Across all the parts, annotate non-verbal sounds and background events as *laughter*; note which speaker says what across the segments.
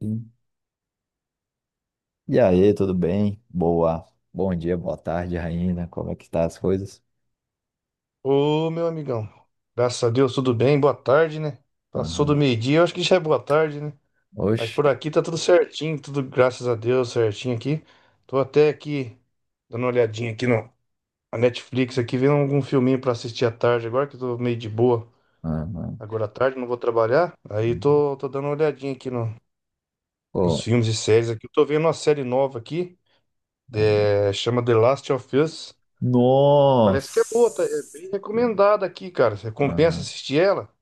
Speaker 1: Sim. E aí, tudo bem? Boa. Bom dia, boa tarde, Raina. Como é que tá as coisas?
Speaker 2: Ô, meu amigão. Graças a Deus, tudo bem? Boa tarde, né? Passou do
Speaker 1: Aham.
Speaker 2: meio-dia, eu acho que já é boa tarde, né? Mas
Speaker 1: Oxe.
Speaker 2: por aqui tá tudo certinho, tudo graças a Deus certinho aqui. Tô até aqui dando uma olhadinha aqui no, na Netflix aqui, vendo algum filminho pra assistir à tarde agora, que eu tô meio de boa
Speaker 1: Aham.
Speaker 2: agora à tarde, não vou trabalhar. Aí tô dando uma olhadinha aqui nos
Speaker 1: Pô,
Speaker 2: filmes e séries aqui. Eu tô vendo uma série nova aqui,
Speaker 1: calma.
Speaker 2: chama The Last of Us. Parece que é
Speaker 1: Nossa!
Speaker 2: boa, tá? É bem recomendada aqui, cara. Você compensa
Speaker 1: Aham.
Speaker 2: assistir ela?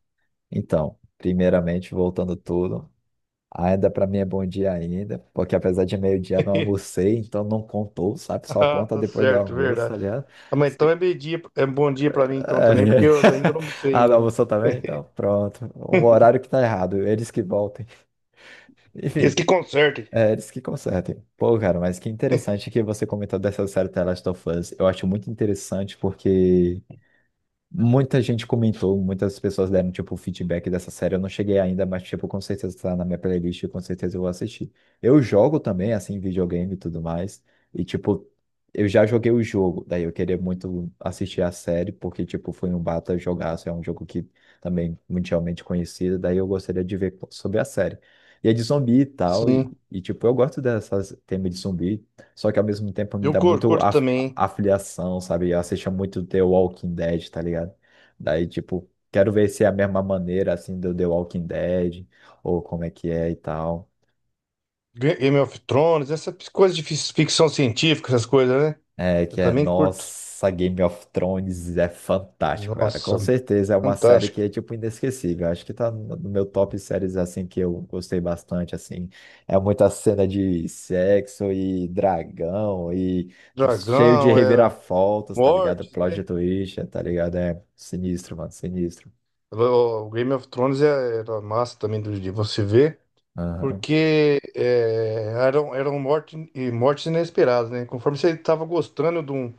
Speaker 1: Então, primeiramente, voltando tudo, ainda para mim é bom dia ainda, porque apesar de meio-dia não
Speaker 2: *laughs*
Speaker 1: almocei, então não contou, sabe? Só
Speaker 2: Ah,
Speaker 1: conta
Speaker 2: tá
Speaker 1: depois do
Speaker 2: certo,
Speaker 1: almoço, tá
Speaker 2: verdade.
Speaker 1: ligado?
Speaker 2: Ah, mas então
Speaker 1: Se-
Speaker 2: é meio dia, é bom dia
Speaker 1: É.
Speaker 2: pra mim então também, porque eu ainda não
Speaker 1: *laughs*
Speaker 2: sei
Speaker 1: Ah, não
Speaker 2: ainda. Não.
Speaker 1: almoçou também? Então, pronto. O horário que tá errado, eles que voltem. *laughs*
Speaker 2: Esse
Speaker 1: Enfim,
Speaker 2: que conserte.
Speaker 1: é, eles que consertem. Pô, cara, mas que interessante que você comentou dessa série The Last of Us. Eu acho muito interessante porque muita gente comentou, muitas pessoas deram, tipo, feedback dessa série. Eu não cheguei ainda, mas, tipo, com certeza tá na minha playlist, e com certeza eu vou assistir. Eu jogo também, assim, videogame e tudo mais. E, tipo, eu já joguei o jogo, daí eu queria muito assistir a série, porque, tipo, foi um bata jogaço, é um jogo que também mundialmente conhecido, daí eu gostaria de ver sobre a série. E é de zumbi e tal, e,
Speaker 2: Sim.
Speaker 1: e, tipo, eu gosto dessas temas de zumbi, só que ao mesmo tempo me
Speaker 2: Eu
Speaker 1: dá muito
Speaker 2: curto
Speaker 1: a
Speaker 2: também.
Speaker 1: afiliação, sabe? Eu assistia muito The Walking Dead, tá ligado? Daí, tipo, quero ver se é a mesma maneira, assim, do The Walking Dead, ou como é que é e tal.
Speaker 2: Game of Thrones, essa coisa de ficção científica, essas coisas, né?
Speaker 1: É,
Speaker 2: Eu
Speaker 1: que é,
Speaker 2: também curto.
Speaker 1: nossa, Game of Thrones é fantástico, cara.
Speaker 2: Nossa,
Speaker 1: Com certeza é uma série que
Speaker 2: fantástico.
Speaker 1: é, tipo, inesquecível. Acho que tá no meu top séries, assim, que eu gostei bastante, assim. É muita cena de sexo e dragão e cheio de
Speaker 2: Dragão,
Speaker 1: reviravoltas, tá ligado?
Speaker 2: mortes,
Speaker 1: Plot
Speaker 2: né?
Speaker 1: twist, tá ligado? É sinistro, mano, sinistro.
Speaker 2: O Game of Thrones era massa também de você ver,
Speaker 1: Aham.
Speaker 2: porque eram morte, e mortes inesperadas, né? Conforme você estava gostando de um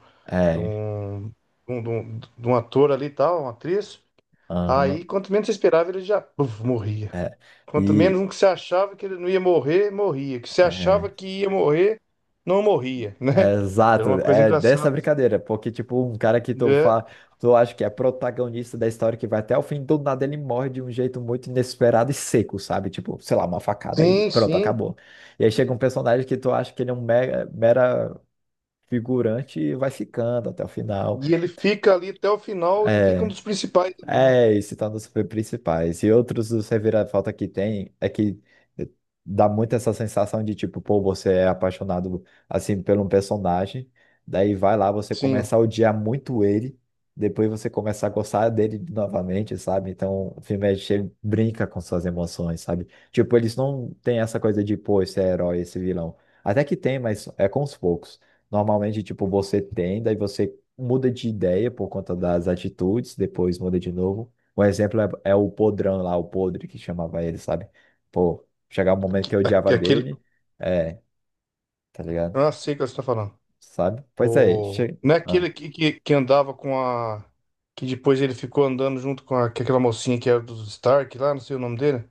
Speaker 2: de
Speaker 1: É,
Speaker 2: um, de um, de um- de um ator ali e tal, uma atriz. Aí,
Speaker 1: aham,
Speaker 2: quanto menos você esperava, ele já puf, morria.
Speaker 1: é.
Speaker 2: Quanto menos
Speaker 1: E
Speaker 2: um que você achava que ele não ia morrer, morria. Que você achava
Speaker 1: é,
Speaker 2: que ia morrer, não morria, *laughs*
Speaker 1: é
Speaker 2: né? Era
Speaker 1: exato,
Speaker 2: uma coisa
Speaker 1: é dessa
Speaker 2: engraçada,
Speaker 1: brincadeira, porque tipo, um cara que tu
Speaker 2: né?
Speaker 1: fa, tu acha que é protagonista da história que vai até o fim, do nada ele morre de um jeito muito inesperado e seco, sabe? Tipo, sei lá, uma facada e
Speaker 2: Sim,
Speaker 1: pronto,
Speaker 2: sim.
Speaker 1: acabou. E aí chega um personagem que tu acha que ele é um mega, mera figurante e vai ficando até o final.
Speaker 2: E ele fica ali até o final e fica um
Speaker 1: É.
Speaker 2: dos principais ali, né?
Speaker 1: É, e se torna super principais. E outros dos reviravolta que tem é que dá muito essa sensação de tipo, pô, você é apaixonado assim por um personagem, daí vai lá, você
Speaker 2: Sim.
Speaker 1: começa a odiar muito ele, depois você começa a gostar dele novamente, sabe? Então o filme é cheio, brinca com suas emoções, sabe? Tipo, eles não têm essa coisa de, pô, esse é herói, esse vilão. Até que tem, mas é com os poucos. Normalmente, tipo, você tem, daí você muda de ideia por conta das atitudes, depois muda de novo. Um exemplo é o podrão lá, o podre que chamava ele, sabe? Pô, chegava um momento que eu odiava
Speaker 2: Aquele.
Speaker 1: dele, é, tá ligado?
Speaker 2: Ah, sei o que você está falando.
Speaker 1: Sabe? Pois é, che...
Speaker 2: Não é
Speaker 1: ah.
Speaker 2: aquele que andava com a. Que depois ele ficou andando junto com aquela mocinha que era do Stark lá, não sei o nome dele.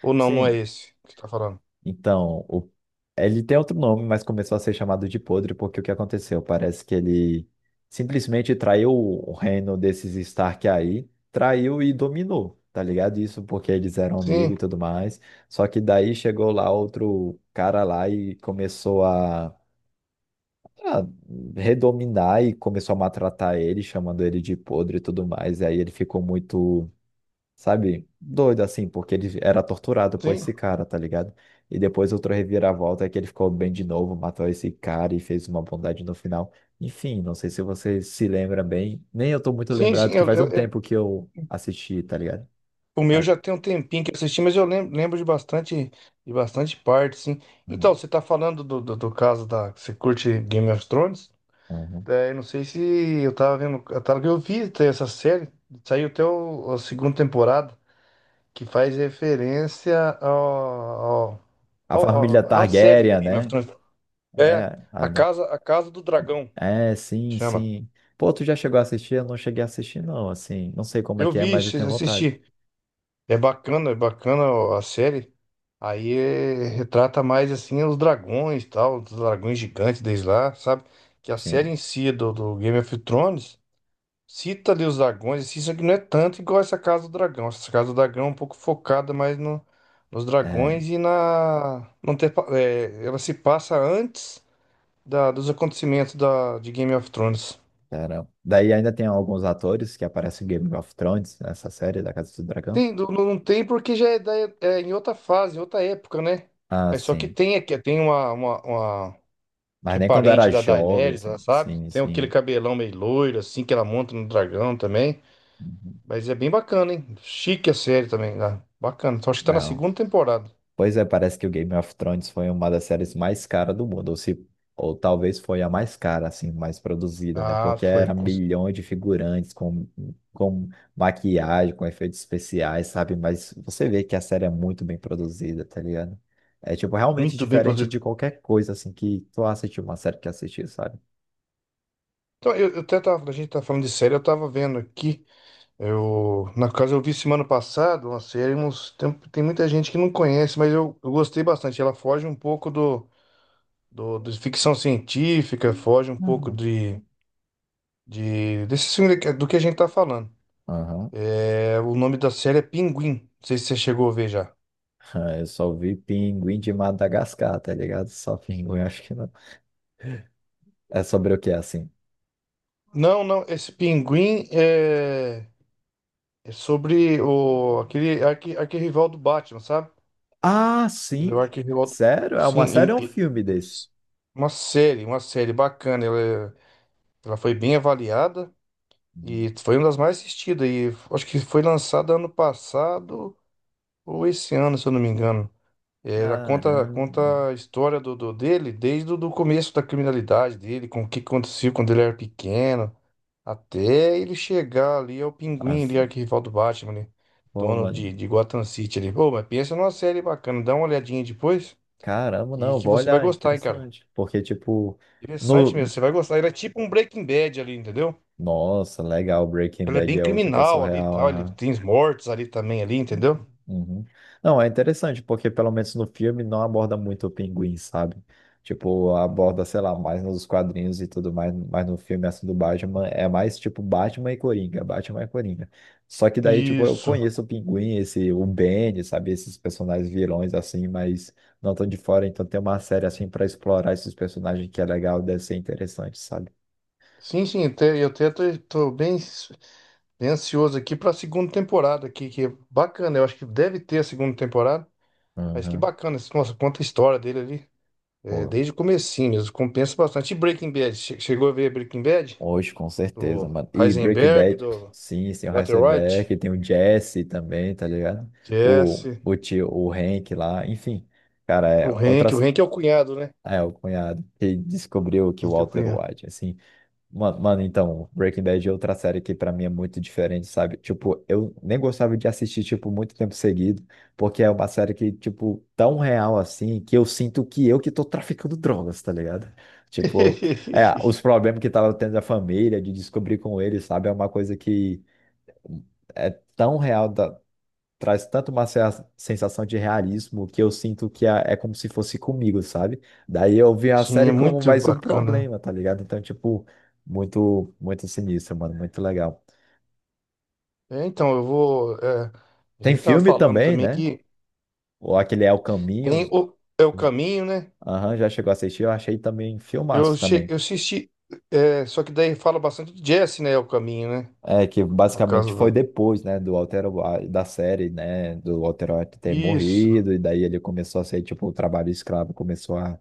Speaker 2: Ou não, não é
Speaker 1: Sim,
Speaker 2: esse que você tá falando.
Speaker 1: então, o... ele tem outro nome, mas começou a ser chamado de Podre porque o que aconteceu? Parece que ele simplesmente traiu o reino desses Stark aí, traiu e dominou, tá ligado? Isso porque eles eram amigos e
Speaker 2: Sim,
Speaker 1: tudo mais. Só que daí chegou lá outro cara lá e começou a redominar e começou a maltratar ele, chamando ele de Podre e tudo mais. E aí ele ficou muito sabe? Doido assim, porque ele era torturado por
Speaker 2: sim,
Speaker 1: esse cara, tá ligado? E depois outra reviravolta é que ele ficou bem de novo, matou esse cara e fez uma bondade no final. Enfim, não sei se você se lembra bem. Nem eu tô muito
Speaker 2: sim, sim.
Speaker 1: lembrado, que faz um tempo que eu assisti, tá ligado?
Speaker 2: O meu
Speaker 1: Mas-
Speaker 2: já tem um tempinho que eu assisti, mas eu lembro de bastante parte, sim.
Speaker 1: Uhum,
Speaker 2: Então, você tá falando do caso da. Você curte Game of Thrones?
Speaker 1: uhum
Speaker 2: Eu não sei se eu tava vendo. eu vi até essa série, saiu até a segunda temporada. Que faz referência
Speaker 1: A
Speaker 2: ao-
Speaker 1: família
Speaker 2: à série
Speaker 1: Targaryen,
Speaker 2: Game of
Speaker 1: né?
Speaker 2: Thrones. É,
Speaker 1: É, a-
Speaker 2: a
Speaker 1: né?
Speaker 2: casa, a casa do Dragão,
Speaker 1: É, sim,
Speaker 2: chama.
Speaker 1: sim. Pô, tu já chegou a assistir? Eu não cheguei a assistir, não, assim. Não sei como é
Speaker 2: Eu
Speaker 1: que é,
Speaker 2: vi,
Speaker 1: mas eu tenho vontade.
Speaker 2: assisti. É bacana a série. Aí retrata mais assim os dragões, e tal, os dragões gigantes desde lá, sabe? Que a série
Speaker 1: Sim.
Speaker 2: em si do Game of Thrones cita ali os dragões, assim, isso aqui não é tanto igual essa Casa do Dragão. Essa Casa do Dragão é um pouco focada mais nos
Speaker 1: É.
Speaker 2: dragões e na. Não ter, pa- é, ela se passa antes dos acontecimentos de Game of Thrones.
Speaker 1: Caramba. Daí ainda tem alguns atores que aparecem em Game of Thrones, nessa série da Casa do Dragão.
Speaker 2: Tem, não, não tem porque já é em outra fase, em outra época, né?
Speaker 1: Ah,
Speaker 2: Mas só que
Speaker 1: sim.
Speaker 2: tem uma
Speaker 1: Mas
Speaker 2: que é
Speaker 1: nem quando
Speaker 2: parente
Speaker 1: era
Speaker 2: da
Speaker 1: jovem,
Speaker 2: Daenerys, lá,
Speaker 1: assim.
Speaker 2: sabe?
Speaker 1: Sim,
Speaker 2: Tem aquele
Speaker 1: sim.
Speaker 2: cabelão meio loiro, assim, que ela monta no dragão também.
Speaker 1: Uhum.
Speaker 2: Mas é bem bacana, hein? Chique a série também, né? Bacana. Então, acho que tá na
Speaker 1: Não.
Speaker 2: segunda temporada.
Speaker 1: Pois é, parece que o Game of Thrones foi uma das séries mais caras do mundo, ou se, ou talvez foi a mais cara, assim, mais produzida, né?
Speaker 2: Ah,
Speaker 1: Porque era milhões de figurantes com maquiagem, com efeitos especiais, sabe? Mas você vê que a série é muito bem produzida, tá ligado? É, tipo, realmente
Speaker 2: muito bem
Speaker 1: diferente de
Speaker 2: produzido.
Speaker 1: qualquer coisa, assim, que tu assistiu uma série que assistiu, sabe?
Speaker 2: Então, eu até tava, a gente tá falando de série, eu tava vendo aqui, na casa eu vi semana passada uma série, tem muita gente que não conhece, mas eu gostei bastante. Ela foge um pouco de ficção científica, foge um pouco
Speaker 1: Uhum.
Speaker 2: de desse filme do que a gente tá falando.
Speaker 1: Aham.
Speaker 2: O nome da série é Pinguim, não sei se você chegou a ver já.
Speaker 1: *laughs* Eu só vi Pinguim de Madagascar, tá ligado? Só Pinguim, *laughs* acho que não. É sobre o que, assim?
Speaker 2: Não, não, esse Pinguim é sobre aquele arquirrival do Batman, sabe?
Speaker 1: Ah,
Speaker 2: Ele é o
Speaker 1: sim.
Speaker 2: arquirrival.
Speaker 1: Sério? É uma série
Speaker 2: Sim,
Speaker 1: ou um filme
Speaker 2: e-
Speaker 1: desse?
Speaker 2: uma série bacana. Ela foi bem avaliada
Speaker 1: Hum.
Speaker 2: e foi uma das mais assistidas. E acho que foi lançada ano passado ou esse ano, se eu não me engano. Ela conta,
Speaker 1: Caramba.
Speaker 2: conta a história do dele desde o do começo da criminalidade dele, com o que aconteceu quando ele era pequeno, até ele chegar ali ao Pinguim, ali,
Speaker 1: Assim,
Speaker 2: arquirrival do Batman, né?
Speaker 1: pô,
Speaker 2: Dono
Speaker 1: mano.
Speaker 2: de Gotham City ali. Pô, mas pensa numa série bacana, dá uma olhadinha depois.
Speaker 1: Caramba,
Speaker 2: E
Speaker 1: não,
Speaker 2: que
Speaker 1: vou
Speaker 2: você vai
Speaker 1: olhar,
Speaker 2: gostar, hein, cara.
Speaker 1: interessante. Porque, tipo,
Speaker 2: Interessante
Speaker 1: no...
Speaker 2: mesmo, você vai gostar. Ele é tipo um Breaking Bad ali, entendeu?
Speaker 1: Nossa, legal, Breaking
Speaker 2: Ele é
Speaker 1: Bad
Speaker 2: bem
Speaker 1: é outro que é
Speaker 2: criminal ali e tal. Ele
Speaker 1: surreal.
Speaker 2: tem os mortos ali também, ali, entendeu?
Speaker 1: Uhum. Não, é interessante, porque pelo menos no filme não aborda muito o pinguim, sabe? Tipo, aborda, sei lá, mais nos quadrinhos e tudo mais, mas no filme assim do Batman é mais tipo Batman e Coringa, Batman e Coringa. Só que daí, tipo, eu
Speaker 2: Isso.
Speaker 1: conheço o Pinguim, esse, o Bane, sabe? Esses personagens vilões assim, mas não tão de fora, então tem uma série assim pra explorar esses personagens que é legal, deve ser interessante, sabe?
Speaker 2: Sim, sim, eu até tô bem, bem ansioso aqui pra segunda temporada aqui, que é bacana. Eu acho que deve ter a segunda temporada. Mas que
Speaker 1: Uhum.
Speaker 2: bacana, nossa, conta a história dele ali. É,
Speaker 1: Pô,
Speaker 2: desde o comecinho mesmo, compensa bastante. E Breaking Bad, chegou a ver Breaking Bad?
Speaker 1: hoje, com certeza,
Speaker 2: Do
Speaker 1: mano. E Breaking
Speaker 2: Heisenberg,
Speaker 1: Bad,
Speaker 2: do
Speaker 1: sim, tem o
Speaker 2: Walter White?
Speaker 1: Heisenberg, tem o Jesse também, tá ligado? O,
Speaker 2: Jesse,
Speaker 1: o tio, o Hank lá, enfim. Cara,
Speaker 2: o
Speaker 1: é outra.
Speaker 2: Hank, o Hank é o cunhado, né?
Speaker 1: É, o cunhado que descobriu que o
Speaker 2: Henrique
Speaker 1: Walter
Speaker 2: Cunha.
Speaker 1: White, assim. Mano, então, Breaking Bad é outra série que pra mim é muito diferente, sabe? Tipo, eu nem gostava de assistir, tipo, muito tempo seguido, porque é uma série que, tipo, tão real assim, que eu sinto que eu que tô traficando drogas, tá ligado? Tipo, é,
Speaker 2: *laughs*
Speaker 1: os problemas que tava tendo a família, de descobrir com ele sabe? É uma coisa que é tão real, traz tanto uma sensação de realismo que eu sinto que é como se fosse comigo, sabe? Daí eu vi a
Speaker 2: Sim, é
Speaker 1: série como
Speaker 2: muito
Speaker 1: mais um
Speaker 2: bacana.
Speaker 1: problema, tá ligado? Então, tipo, muito, muito sinistro, mano, muito legal.
Speaker 2: Então, eu vou. A
Speaker 1: Tem
Speaker 2: gente estava
Speaker 1: filme
Speaker 2: falando
Speaker 1: também,
Speaker 2: também
Speaker 1: né?
Speaker 2: que
Speaker 1: Ou aquele É o Caminho.
Speaker 2: tem o, é o caminho, né?
Speaker 1: Aham, já chegou a assistir, eu achei também
Speaker 2: Eu,
Speaker 1: filmaço
Speaker 2: che,
Speaker 1: também.
Speaker 2: eu assisti. Só que daí fala bastante de Jesse, né? É o caminho, né?
Speaker 1: É, que
Speaker 2: No
Speaker 1: basicamente
Speaker 2: caso
Speaker 1: foi
Speaker 2: do.
Speaker 1: depois, né, do Walter White, da série, né, do Walter White ter
Speaker 2: Isso.
Speaker 1: morrido, e daí ele começou a ser, tipo, o trabalho escravo começou a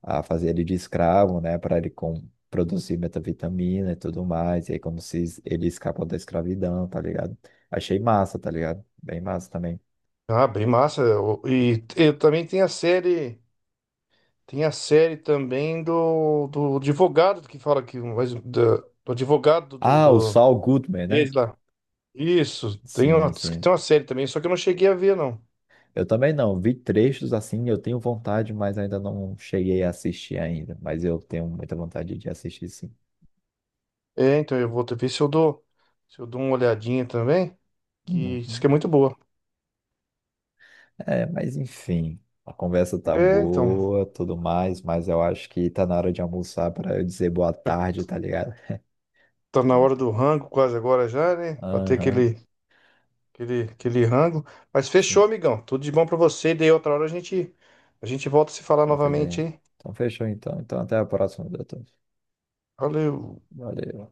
Speaker 1: a fazer ele de escravo, né, para ele com, produzir metavitamina e tudo mais, e aí como se ele escapa da escravidão, tá ligado? Achei massa, tá ligado? Bem massa também.
Speaker 2: Ah, bem massa. E também tem a série. Tem a série também do advogado que fala que. Do advogado do,
Speaker 1: Ah, o
Speaker 2: do.
Speaker 1: Saul Goodman, né?
Speaker 2: Desde lá. Isso. Tem uma,
Speaker 1: Sim,
Speaker 2: diz que
Speaker 1: sim.
Speaker 2: tem uma série também, só que eu não cheguei a ver, não.
Speaker 1: Eu também não, vi trechos assim, eu tenho vontade, mas ainda não cheguei a assistir ainda, mas eu tenho muita vontade de assistir sim.
Speaker 2: É, então eu vou ver se eu dou, uma olhadinha também, que diz
Speaker 1: Uhum.
Speaker 2: que é muito boa.
Speaker 1: É, mas enfim, a conversa tá
Speaker 2: É, então,
Speaker 1: boa, tudo mais, mas eu acho que tá na hora de almoçar para eu dizer boa tarde, tá ligado?
Speaker 2: tá na hora do rango quase agora já, né? Pra ter
Speaker 1: Aham.
Speaker 2: aquele rango. Mas
Speaker 1: Sim,
Speaker 2: fechou, amigão. Tudo de bom pra você. Daí outra hora a gente volta a se falar
Speaker 1: qualquer
Speaker 2: novamente,
Speaker 1: ideia.
Speaker 2: hein?
Speaker 1: Então, fechou então. Então, até a próxima, doutor.
Speaker 2: Valeu.
Speaker 1: Valeu.